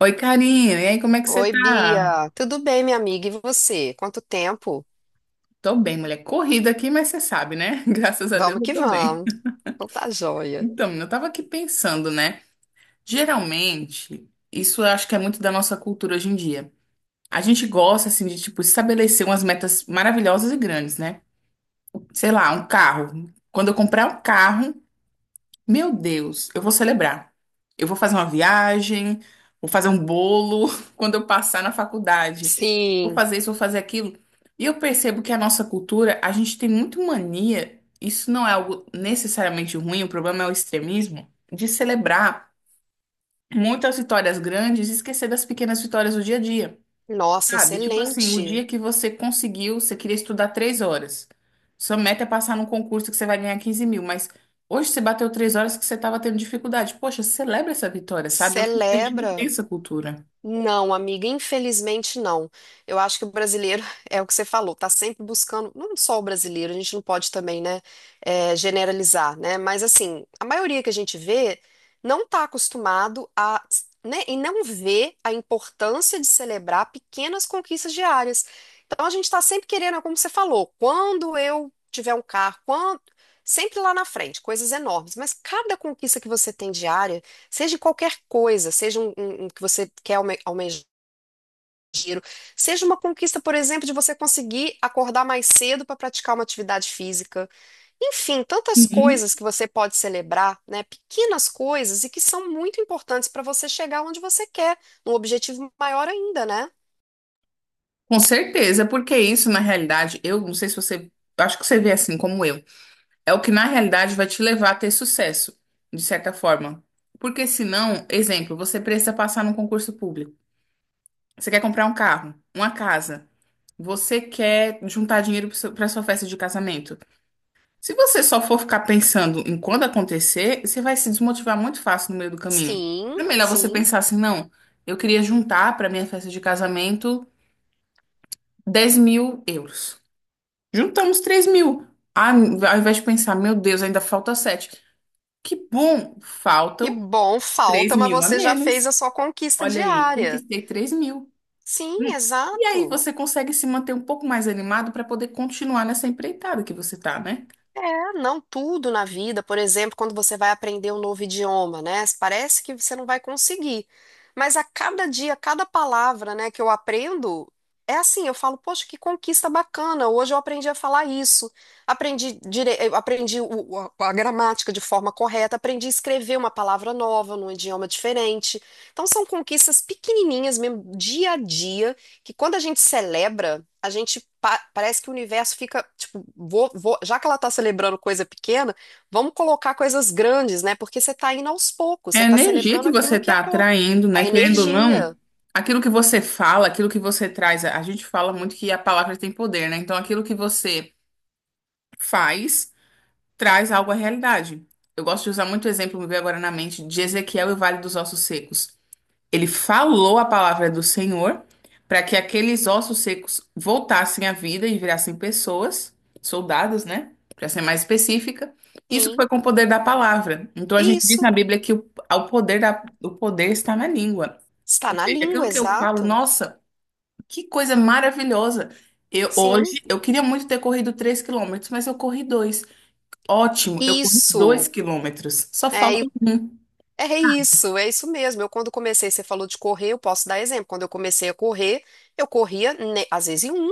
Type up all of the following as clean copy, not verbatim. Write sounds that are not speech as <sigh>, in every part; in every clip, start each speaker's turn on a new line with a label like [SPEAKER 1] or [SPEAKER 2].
[SPEAKER 1] Oi, carinho. E aí, como é que você
[SPEAKER 2] Oi,
[SPEAKER 1] tá?
[SPEAKER 2] Bia. Tudo bem, minha amiga? E você? Quanto tempo?
[SPEAKER 1] Tô bem, mulher. Corrida aqui, mas você sabe, né? <laughs> Graças a Deus
[SPEAKER 2] Vamos
[SPEAKER 1] eu
[SPEAKER 2] que
[SPEAKER 1] tô bem.
[SPEAKER 2] vamos. Então tá joia.
[SPEAKER 1] Então, menina, eu tava aqui pensando, né? Geralmente, isso eu acho que é muito da nossa cultura hoje em dia. A gente gosta, assim, de, tipo, estabelecer umas metas maravilhosas e grandes, né? Sei lá, um carro. Quando eu comprar um carro, meu Deus, eu vou celebrar. Eu vou fazer uma viagem, vou fazer um bolo <laughs> quando eu passar na faculdade. Vou
[SPEAKER 2] Sim.
[SPEAKER 1] fazer isso, vou fazer aquilo. E eu percebo que a nossa cultura, a gente tem muito mania, isso não é algo necessariamente ruim, o problema é o extremismo, de celebrar muitas vitórias grandes e esquecer das pequenas vitórias do dia a dia.
[SPEAKER 2] Nossa,
[SPEAKER 1] Sabe? Tipo assim, o
[SPEAKER 2] excelente.
[SPEAKER 1] dia que você conseguiu, você queria estudar 3 horas. Sua meta é passar num concurso que você vai ganhar 15 mil, mas hoje você bateu 3 horas que você estava tendo dificuldade. Poxa, celebra essa vitória, sabe? Eu sinto que a gente não
[SPEAKER 2] Celebra.
[SPEAKER 1] tem essa cultura.
[SPEAKER 2] Não, amiga, infelizmente não. Eu acho que o brasileiro, <laughs> é o que você falou, tá sempre buscando, não só o brasileiro, a gente não pode também, né, generalizar, né? Mas assim, a maioria que a gente vê não tá acostumado a, né, e não vê a importância de celebrar pequenas conquistas diárias. Então a gente tá sempre querendo, é como você falou, quando eu tiver um carro, quando sempre lá na frente, coisas enormes, mas cada conquista que você tem diária. Seja qualquer coisa, seja um que você quer almejar. Seja uma conquista, por exemplo, de você conseguir acordar mais cedo para praticar uma atividade física. Enfim, tantas
[SPEAKER 1] Uhum.
[SPEAKER 2] coisas que você pode celebrar, né? Pequenas coisas e que são muito importantes para você chegar onde você quer, num objetivo maior ainda, né?
[SPEAKER 1] Com certeza, porque isso, na realidade, eu não sei se você, acho que você vê assim como eu, é o que na realidade vai te levar a ter sucesso, de certa forma. Porque senão, exemplo, você precisa passar num concurso público. Você quer comprar um carro, uma casa. Você quer juntar dinheiro para sua festa de casamento? Se você só for ficar pensando em quando acontecer, você vai se desmotivar muito fácil no meio do caminho.
[SPEAKER 2] Sim,
[SPEAKER 1] É melhor você
[SPEAKER 2] sim.
[SPEAKER 1] pensar assim, não, eu queria juntar para minha festa de casamento 10 mil euros. Juntamos 3 mil. Ah, ao invés de pensar, meu Deus, ainda falta 7. Que bom,
[SPEAKER 2] Que
[SPEAKER 1] faltam
[SPEAKER 2] bom,
[SPEAKER 1] 3
[SPEAKER 2] falta, mas
[SPEAKER 1] mil a
[SPEAKER 2] você já fez a
[SPEAKER 1] menos.
[SPEAKER 2] sua conquista
[SPEAKER 1] Olha aí,
[SPEAKER 2] diária.
[SPEAKER 1] conquistei 3 mil.
[SPEAKER 2] Sim,
[SPEAKER 1] Hum. E aí
[SPEAKER 2] exato.
[SPEAKER 1] você consegue se manter um pouco mais animado para poder continuar nessa empreitada que você tá, né?
[SPEAKER 2] É, não tudo na vida. Por exemplo, quando você vai aprender um novo idioma, né? Parece que você não vai conseguir. Mas a cada dia, cada palavra, né, que eu aprendo, é assim, eu falo, poxa, que conquista bacana. Hoje eu aprendi a falar isso. Aprendi dire eu aprendi a gramática de forma correta, aprendi a escrever uma palavra nova num idioma diferente. Então são conquistas pequenininhas mesmo, dia a dia, que quando a gente celebra a gente parece que o universo fica, tipo, já que ela tá celebrando coisa pequena, vamos colocar coisas grandes, né? Porque você tá indo aos poucos,
[SPEAKER 1] É a
[SPEAKER 2] você tá
[SPEAKER 1] energia
[SPEAKER 2] celebrando
[SPEAKER 1] que você
[SPEAKER 2] aquilo que é
[SPEAKER 1] está
[SPEAKER 2] pouco.
[SPEAKER 1] atraindo, né?
[SPEAKER 2] A
[SPEAKER 1] Querendo ou não,
[SPEAKER 2] energia.
[SPEAKER 1] aquilo que você fala, aquilo que você traz, a gente fala muito que a palavra tem poder, né? Então, aquilo que você faz traz algo à realidade. Eu gosto de usar muito exemplo, me veio agora na mente, de Ezequiel e o Vale dos Ossos Secos. Ele falou a palavra do Senhor para que aqueles ossos secos voltassem à vida e virassem pessoas, soldados, né? Para ser mais específica. Isso
[SPEAKER 2] Sim,
[SPEAKER 1] foi com o poder da palavra. Então a gente diz
[SPEAKER 2] isso.
[SPEAKER 1] na Bíblia que o poder está na língua.
[SPEAKER 2] Está
[SPEAKER 1] Ou
[SPEAKER 2] na
[SPEAKER 1] seja,
[SPEAKER 2] língua,
[SPEAKER 1] aquilo que eu falo,
[SPEAKER 2] exato.
[SPEAKER 1] nossa, que coisa maravilhosa. Eu,
[SPEAKER 2] Sim,
[SPEAKER 1] hoje, eu queria muito ter corrido 3 quilômetros, mas eu corri dois. Ótimo, eu corri
[SPEAKER 2] isso.
[SPEAKER 1] 2 quilômetros. Só
[SPEAKER 2] é
[SPEAKER 1] falta
[SPEAKER 2] e
[SPEAKER 1] um.
[SPEAKER 2] É isso, é isso mesmo. Eu quando comecei, você falou de correr, eu posso dar exemplo. Quando eu comecei a correr, eu corria, né, às vezes em um,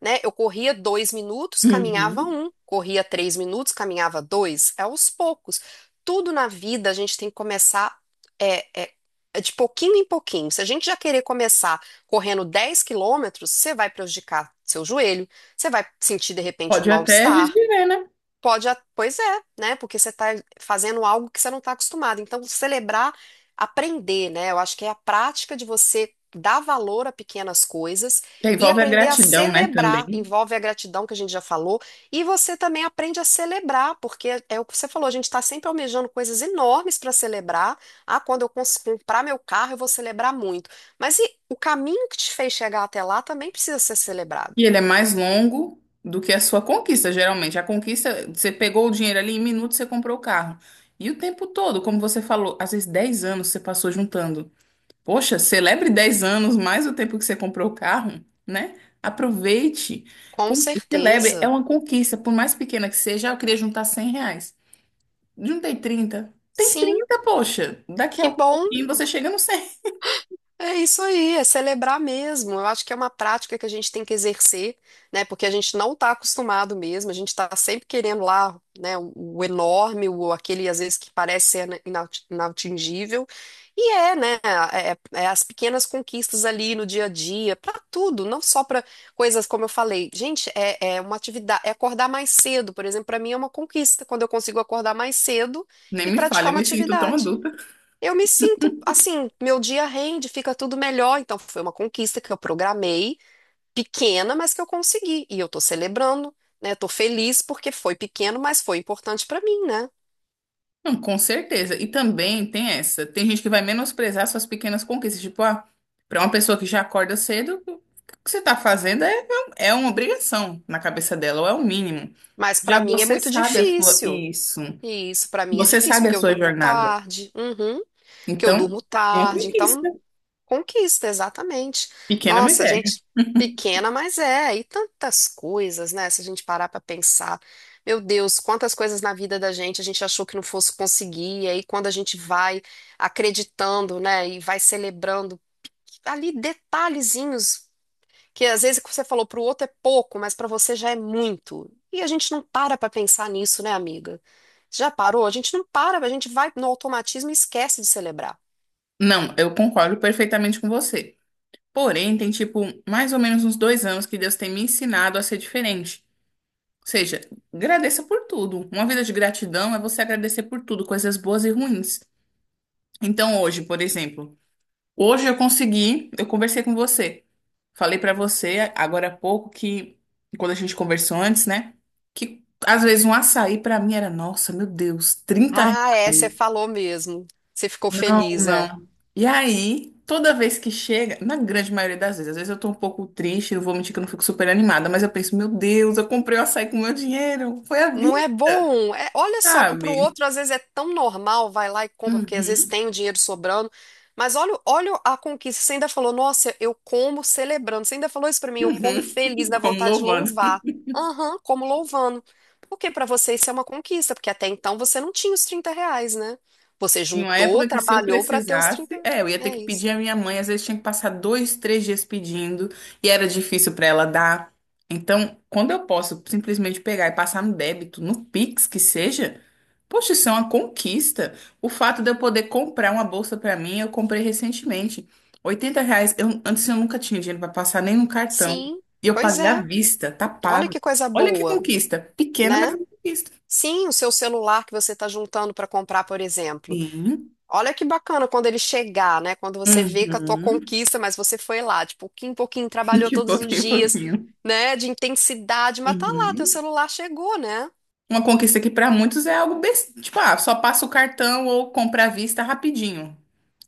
[SPEAKER 2] né? Eu corria 2 minutos, caminhava
[SPEAKER 1] Uhum.
[SPEAKER 2] um, corria 3 minutos, caminhava dois. É aos poucos. Tudo na vida a gente tem que começar é, é, é de pouquinho em pouquinho. Se a gente já querer começar correndo 10 quilômetros, você vai prejudicar seu joelho, você vai sentir de repente um
[SPEAKER 1] Pode até
[SPEAKER 2] mal-estar.
[SPEAKER 1] viver, né?
[SPEAKER 2] Pode, pois é, né? Porque você está fazendo algo que você não está acostumado. Então, celebrar, aprender, né? Eu acho que é a prática de você dar valor a pequenas coisas
[SPEAKER 1] É,
[SPEAKER 2] e
[SPEAKER 1] envolve a
[SPEAKER 2] aprender a
[SPEAKER 1] gratidão, né,
[SPEAKER 2] celebrar.
[SPEAKER 1] também.
[SPEAKER 2] Envolve a gratidão que a gente já falou. E você também aprende a celebrar, porque é o que você falou, a gente está sempre almejando coisas enormes para celebrar. Ah, quando eu comprar meu carro, eu vou celebrar muito. Mas e o caminho que te fez chegar até lá também precisa ser celebrado.
[SPEAKER 1] E ele é mais longo do que a sua conquista, geralmente. A conquista, você pegou o dinheiro ali, em minutos você comprou o carro. E o tempo todo, como você falou, às vezes 10 anos você passou juntando. Poxa, celebre 10 anos mais o tempo que você comprou o carro, né? Aproveite,
[SPEAKER 2] Com
[SPEAKER 1] celebre. É
[SPEAKER 2] certeza.
[SPEAKER 1] uma conquista, por mais pequena que seja. Ah, eu queria juntar 100 reais. Juntei 30. Tem
[SPEAKER 2] Sim,
[SPEAKER 1] 30, poxa. Daqui a
[SPEAKER 2] que bom.
[SPEAKER 1] pouquinho você chega no 100.
[SPEAKER 2] É isso aí, é celebrar mesmo. Eu acho que é uma prática que a gente tem que exercer, né? Porque a gente não está acostumado mesmo, a gente está sempre querendo lá, né, o enorme, o aquele às vezes que parece ser inatingível. E é, né? É as pequenas conquistas ali no dia a dia, para tudo, não só para coisas como eu falei. Gente, é uma atividade, é acordar mais cedo, por exemplo, para mim é uma conquista quando eu consigo acordar mais cedo
[SPEAKER 1] Nem
[SPEAKER 2] e
[SPEAKER 1] me fale,
[SPEAKER 2] praticar
[SPEAKER 1] eu
[SPEAKER 2] uma
[SPEAKER 1] me sinto tão
[SPEAKER 2] atividade.
[SPEAKER 1] adulta.
[SPEAKER 2] Eu me sinto assim, meu dia rende, fica tudo melhor. Então, foi uma conquista que eu programei, pequena, mas que eu consegui. E eu tô celebrando, né? Tô feliz porque foi pequeno, mas foi importante pra mim, né?
[SPEAKER 1] Não, com certeza. E também tem essa. Tem gente que vai menosprezar suas pequenas conquistas. Tipo, ah, pra uma pessoa que já acorda cedo, o que você tá fazendo é, é uma obrigação na cabeça dela, ou é o mínimo.
[SPEAKER 2] Mas pra
[SPEAKER 1] Já
[SPEAKER 2] mim é
[SPEAKER 1] você
[SPEAKER 2] muito
[SPEAKER 1] sabe a sua.
[SPEAKER 2] difícil.
[SPEAKER 1] Isso.
[SPEAKER 2] E isso pra mim é
[SPEAKER 1] Você
[SPEAKER 2] difícil,
[SPEAKER 1] sabe a
[SPEAKER 2] porque eu
[SPEAKER 1] sua
[SPEAKER 2] durmo
[SPEAKER 1] jornada.
[SPEAKER 2] tarde, uhum, que eu
[SPEAKER 1] Então,
[SPEAKER 2] durmo
[SPEAKER 1] é uma
[SPEAKER 2] tarde. Então,
[SPEAKER 1] conquista.
[SPEAKER 2] conquista, exatamente.
[SPEAKER 1] Pequena, mas
[SPEAKER 2] Nossa,
[SPEAKER 1] é.
[SPEAKER 2] gente pequena, mas é, e tantas coisas, né? Se a gente parar pra pensar, meu Deus, quantas coisas na vida da gente a gente achou que não fosse conseguir, e aí quando a gente vai acreditando, né, e vai celebrando ali detalhezinhos que às vezes o que você falou pro outro é pouco, mas pra você já é muito. E a gente não para pra pensar nisso, né, amiga? Já parou? A gente não para, a gente vai no automatismo e esquece de celebrar.
[SPEAKER 1] Não, eu concordo perfeitamente com você. Porém, tem, tipo, mais ou menos uns 2 anos que Deus tem me ensinado a ser diferente. Ou seja, agradeça por tudo. Uma vida de gratidão é você agradecer por tudo, coisas boas e ruins. Então, hoje, por exemplo, hoje eu consegui, eu conversei com você. Falei pra você agora há pouco que, quando a gente conversou antes, né? Que às vezes um açaí pra mim era, nossa, meu Deus, trinta
[SPEAKER 2] Ah, é, você
[SPEAKER 1] reais.
[SPEAKER 2] falou mesmo. Você ficou
[SPEAKER 1] Não,
[SPEAKER 2] feliz, é.
[SPEAKER 1] não. E aí, toda vez que chega, na grande maioria das vezes, às vezes eu tô um pouco triste, não vou mentir que eu não fico super animada, mas eu penso, meu Deus, eu comprei o açaí com meu dinheiro, foi a
[SPEAKER 2] Não
[SPEAKER 1] vida,
[SPEAKER 2] é bom. É, olha só que pro
[SPEAKER 1] sabe?
[SPEAKER 2] outro às vezes é tão normal, vai lá e compra, porque às vezes
[SPEAKER 1] Uhum,
[SPEAKER 2] tem o dinheiro sobrando. Mas olha, olha a conquista. Você ainda falou, nossa, eu como celebrando. Você ainda falou isso pra mim, eu como
[SPEAKER 1] uhum.
[SPEAKER 2] feliz,
[SPEAKER 1] <laughs>
[SPEAKER 2] dá
[SPEAKER 1] Como
[SPEAKER 2] vontade de
[SPEAKER 1] louvando.
[SPEAKER 2] louvar. Aham, como louvando. Porque pra você isso é uma conquista, porque até então você não tinha os 30 reais, né? Você
[SPEAKER 1] Em uma
[SPEAKER 2] juntou,
[SPEAKER 1] época que se eu
[SPEAKER 2] trabalhou pra ter os trinta.
[SPEAKER 1] precisasse,
[SPEAKER 2] reais.
[SPEAKER 1] é, eu ia ter
[SPEAKER 2] É
[SPEAKER 1] que
[SPEAKER 2] isso.
[SPEAKER 1] pedir à minha mãe, às vezes tinha que passar dois, três dias pedindo, e era difícil para ela dar. Então, quando eu posso simplesmente pegar e passar no débito, no Pix que seja, poxa, isso é uma conquista. O fato de eu poder comprar uma bolsa para mim, eu comprei recentemente. 80 reais, eu, antes eu nunca tinha dinheiro para passar nem no cartão.
[SPEAKER 2] Sim,
[SPEAKER 1] E eu
[SPEAKER 2] pois
[SPEAKER 1] paguei à
[SPEAKER 2] é.
[SPEAKER 1] vista, tá
[SPEAKER 2] Olha
[SPEAKER 1] pago.
[SPEAKER 2] que coisa
[SPEAKER 1] Olha que
[SPEAKER 2] boa,
[SPEAKER 1] conquista. Pequena, mas
[SPEAKER 2] né?
[SPEAKER 1] é uma conquista.
[SPEAKER 2] Sim, o seu celular que você está juntando para comprar, por exemplo.
[SPEAKER 1] Sim.
[SPEAKER 2] Olha que bacana quando ele chegar, né? Quando você vê que a tua
[SPEAKER 1] Uhum.
[SPEAKER 2] conquista, mas você foi lá, de pouquinho em pouquinho,
[SPEAKER 1] <laughs>
[SPEAKER 2] trabalhou
[SPEAKER 1] De
[SPEAKER 2] todos os
[SPEAKER 1] pouquinho em
[SPEAKER 2] dias,
[SPEAKER 1] pouquinho.
[SPEAKER 2] né? De intensidade, mas tá lá, teu
[SPEAKER 1] Uhum.
[SPEAKER 2] celular chegou, né?
[SPEAKER 1] Uma conquista que para muitos é algo besta, tipo, ah, só passa o cartão ou compra à vista rapidinho.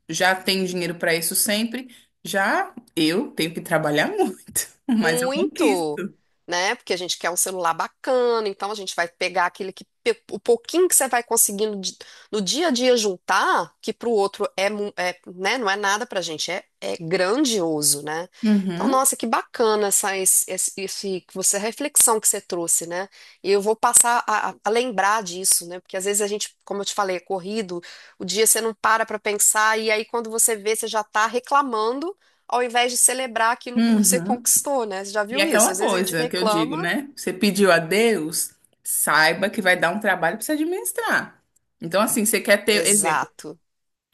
[SPEAKER 1] Já tem dinheiro para isso sempre. Já eu tenho que trabalhar muito, <laughs> mas eu
[SPEAKER 2] Muito,
[SPEAKER 1] conquisto.
[SPEAKER 2] né? Porque a gente quer um celular bacana, então a gente vai pegar aquele que o pouquinho que você vai conseguindo no dia a dia juntar, que pro outro é, é, né? Não é nada pra gente, é, é grandioso, né? Então,
[SPEAKER 1] Uhum.
[SPEAKER 2] nossa, que bacana esse que você, a reflexão que você trouxe, né? E eu vou passar a lembrar disso, né? Porque às vezes a gente, como eu te falei, é corrido, o dia você não para pra pensar e aí quando você vê, você já tá reclamando ao invés de celebrar aquilo que você
[SPEAKER 1] Uhum.
[SPEAKER 2] conquistou, né? Você já
[SPEAKER 1] E é
[SPEAKER 2] viu isso?
[SPEAKER 1] aquela
[SPEAKER 2] Às vezes a gente
[SPEAKER 1] coisa que eu digo,
[SPEAKER 2] reclama.
[SPEAKER 1] né? Você pediu a Deus, saiba que vai dar um trabalho para você administrar. Então, assim, você quer ter exemplo.
[SPEAKER 2] Exato.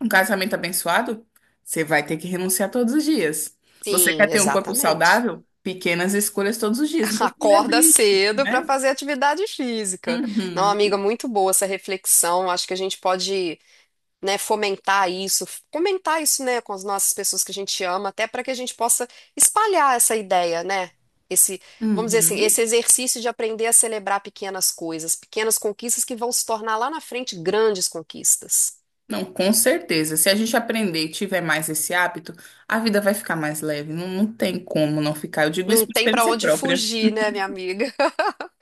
[SPEAKER 1] Um casamento abençoado, você vai ter que renunciar todos os dias. Você quer
[SPEAKER 2] Sim,
[SPEAKER 1] ter um corpo
[SPEAKER 2] exatamente.
[SPEAKER 1] saudável? Pequenas escolhas todos os dias.
[SPEAKER 2] <laughs>
[SPEAKER 1] Então, celebre
[SPEAKER 2] Acorda
[SPEAKER 1] isso,
[SPEAKER 2] cedo para
[SPEAKER 1] né?
[SPEAKER 2] fazer atividade física. Não,
[SPEAKER 1] Uhum,
[SPEAKER 2] amiga, muito boa essa reflexão. Acho que a gente pode, né, fomentar isso, comentar isso, né, com as nossas pessoas que a gente ama, até para que a gente possa espalhar essa ideia, né? Esse, vamos dizer assim,
[SPEAKER 1] uhum.
[SPEAKER 2] esse exercício de aprender a celebrar pequenas coisas, pequenas conquistas que vão se tornar lá na frente grandes conquistas.
[SPEAKER 1] Não, com certeza. Se a gente aprender e tiver mais esse hábito, a vida vai ficar mais leve. Não, não tem como não ficar. Eu digo
[SPEAKER 2] Não
[SPEAKER 1] isso por
[SPEAKER 2] tem pra
[SPEAKER 1] experiência
[SPEAKER 2] onde
[SPEAKER 1] própria.
[SPEAKER 2] fugir, né, minha amiga?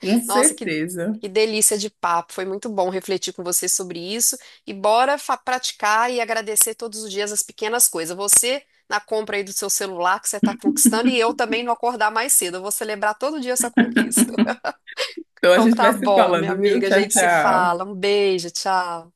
[SPEAKER 1] Com
[SPEAKER 2] Nossa,
[SPEAKER 1] certeza.
[SPEAKER 2] que delícia de papo. Foi muito bom refletir com você sobre isso. E bora praticar e agradecer todos os dias as pequenas coisas. Você na compra aí do seu celular que você está conquistando e eu também não acordar mais cedo. Eu vou celebrar todo dia essa conquista. <laughs>
[SPEAKER 1] Então a
[SPEAKER 2] Então
[SPEAKER 1] gente
[SPEAKER 2] tá
[SPEAKER 1] vai se
[SPEAKER 2] bom, minha
[SPEAKER 1] falando, viu?
[SPEAKER 2] amiga. A
[SPEAKER 1] Tchau,
[SPEAKER 2] gente se fala.
[SPEAKER 1] tchau.
[SPEAKER 2] Um beijo, tchau.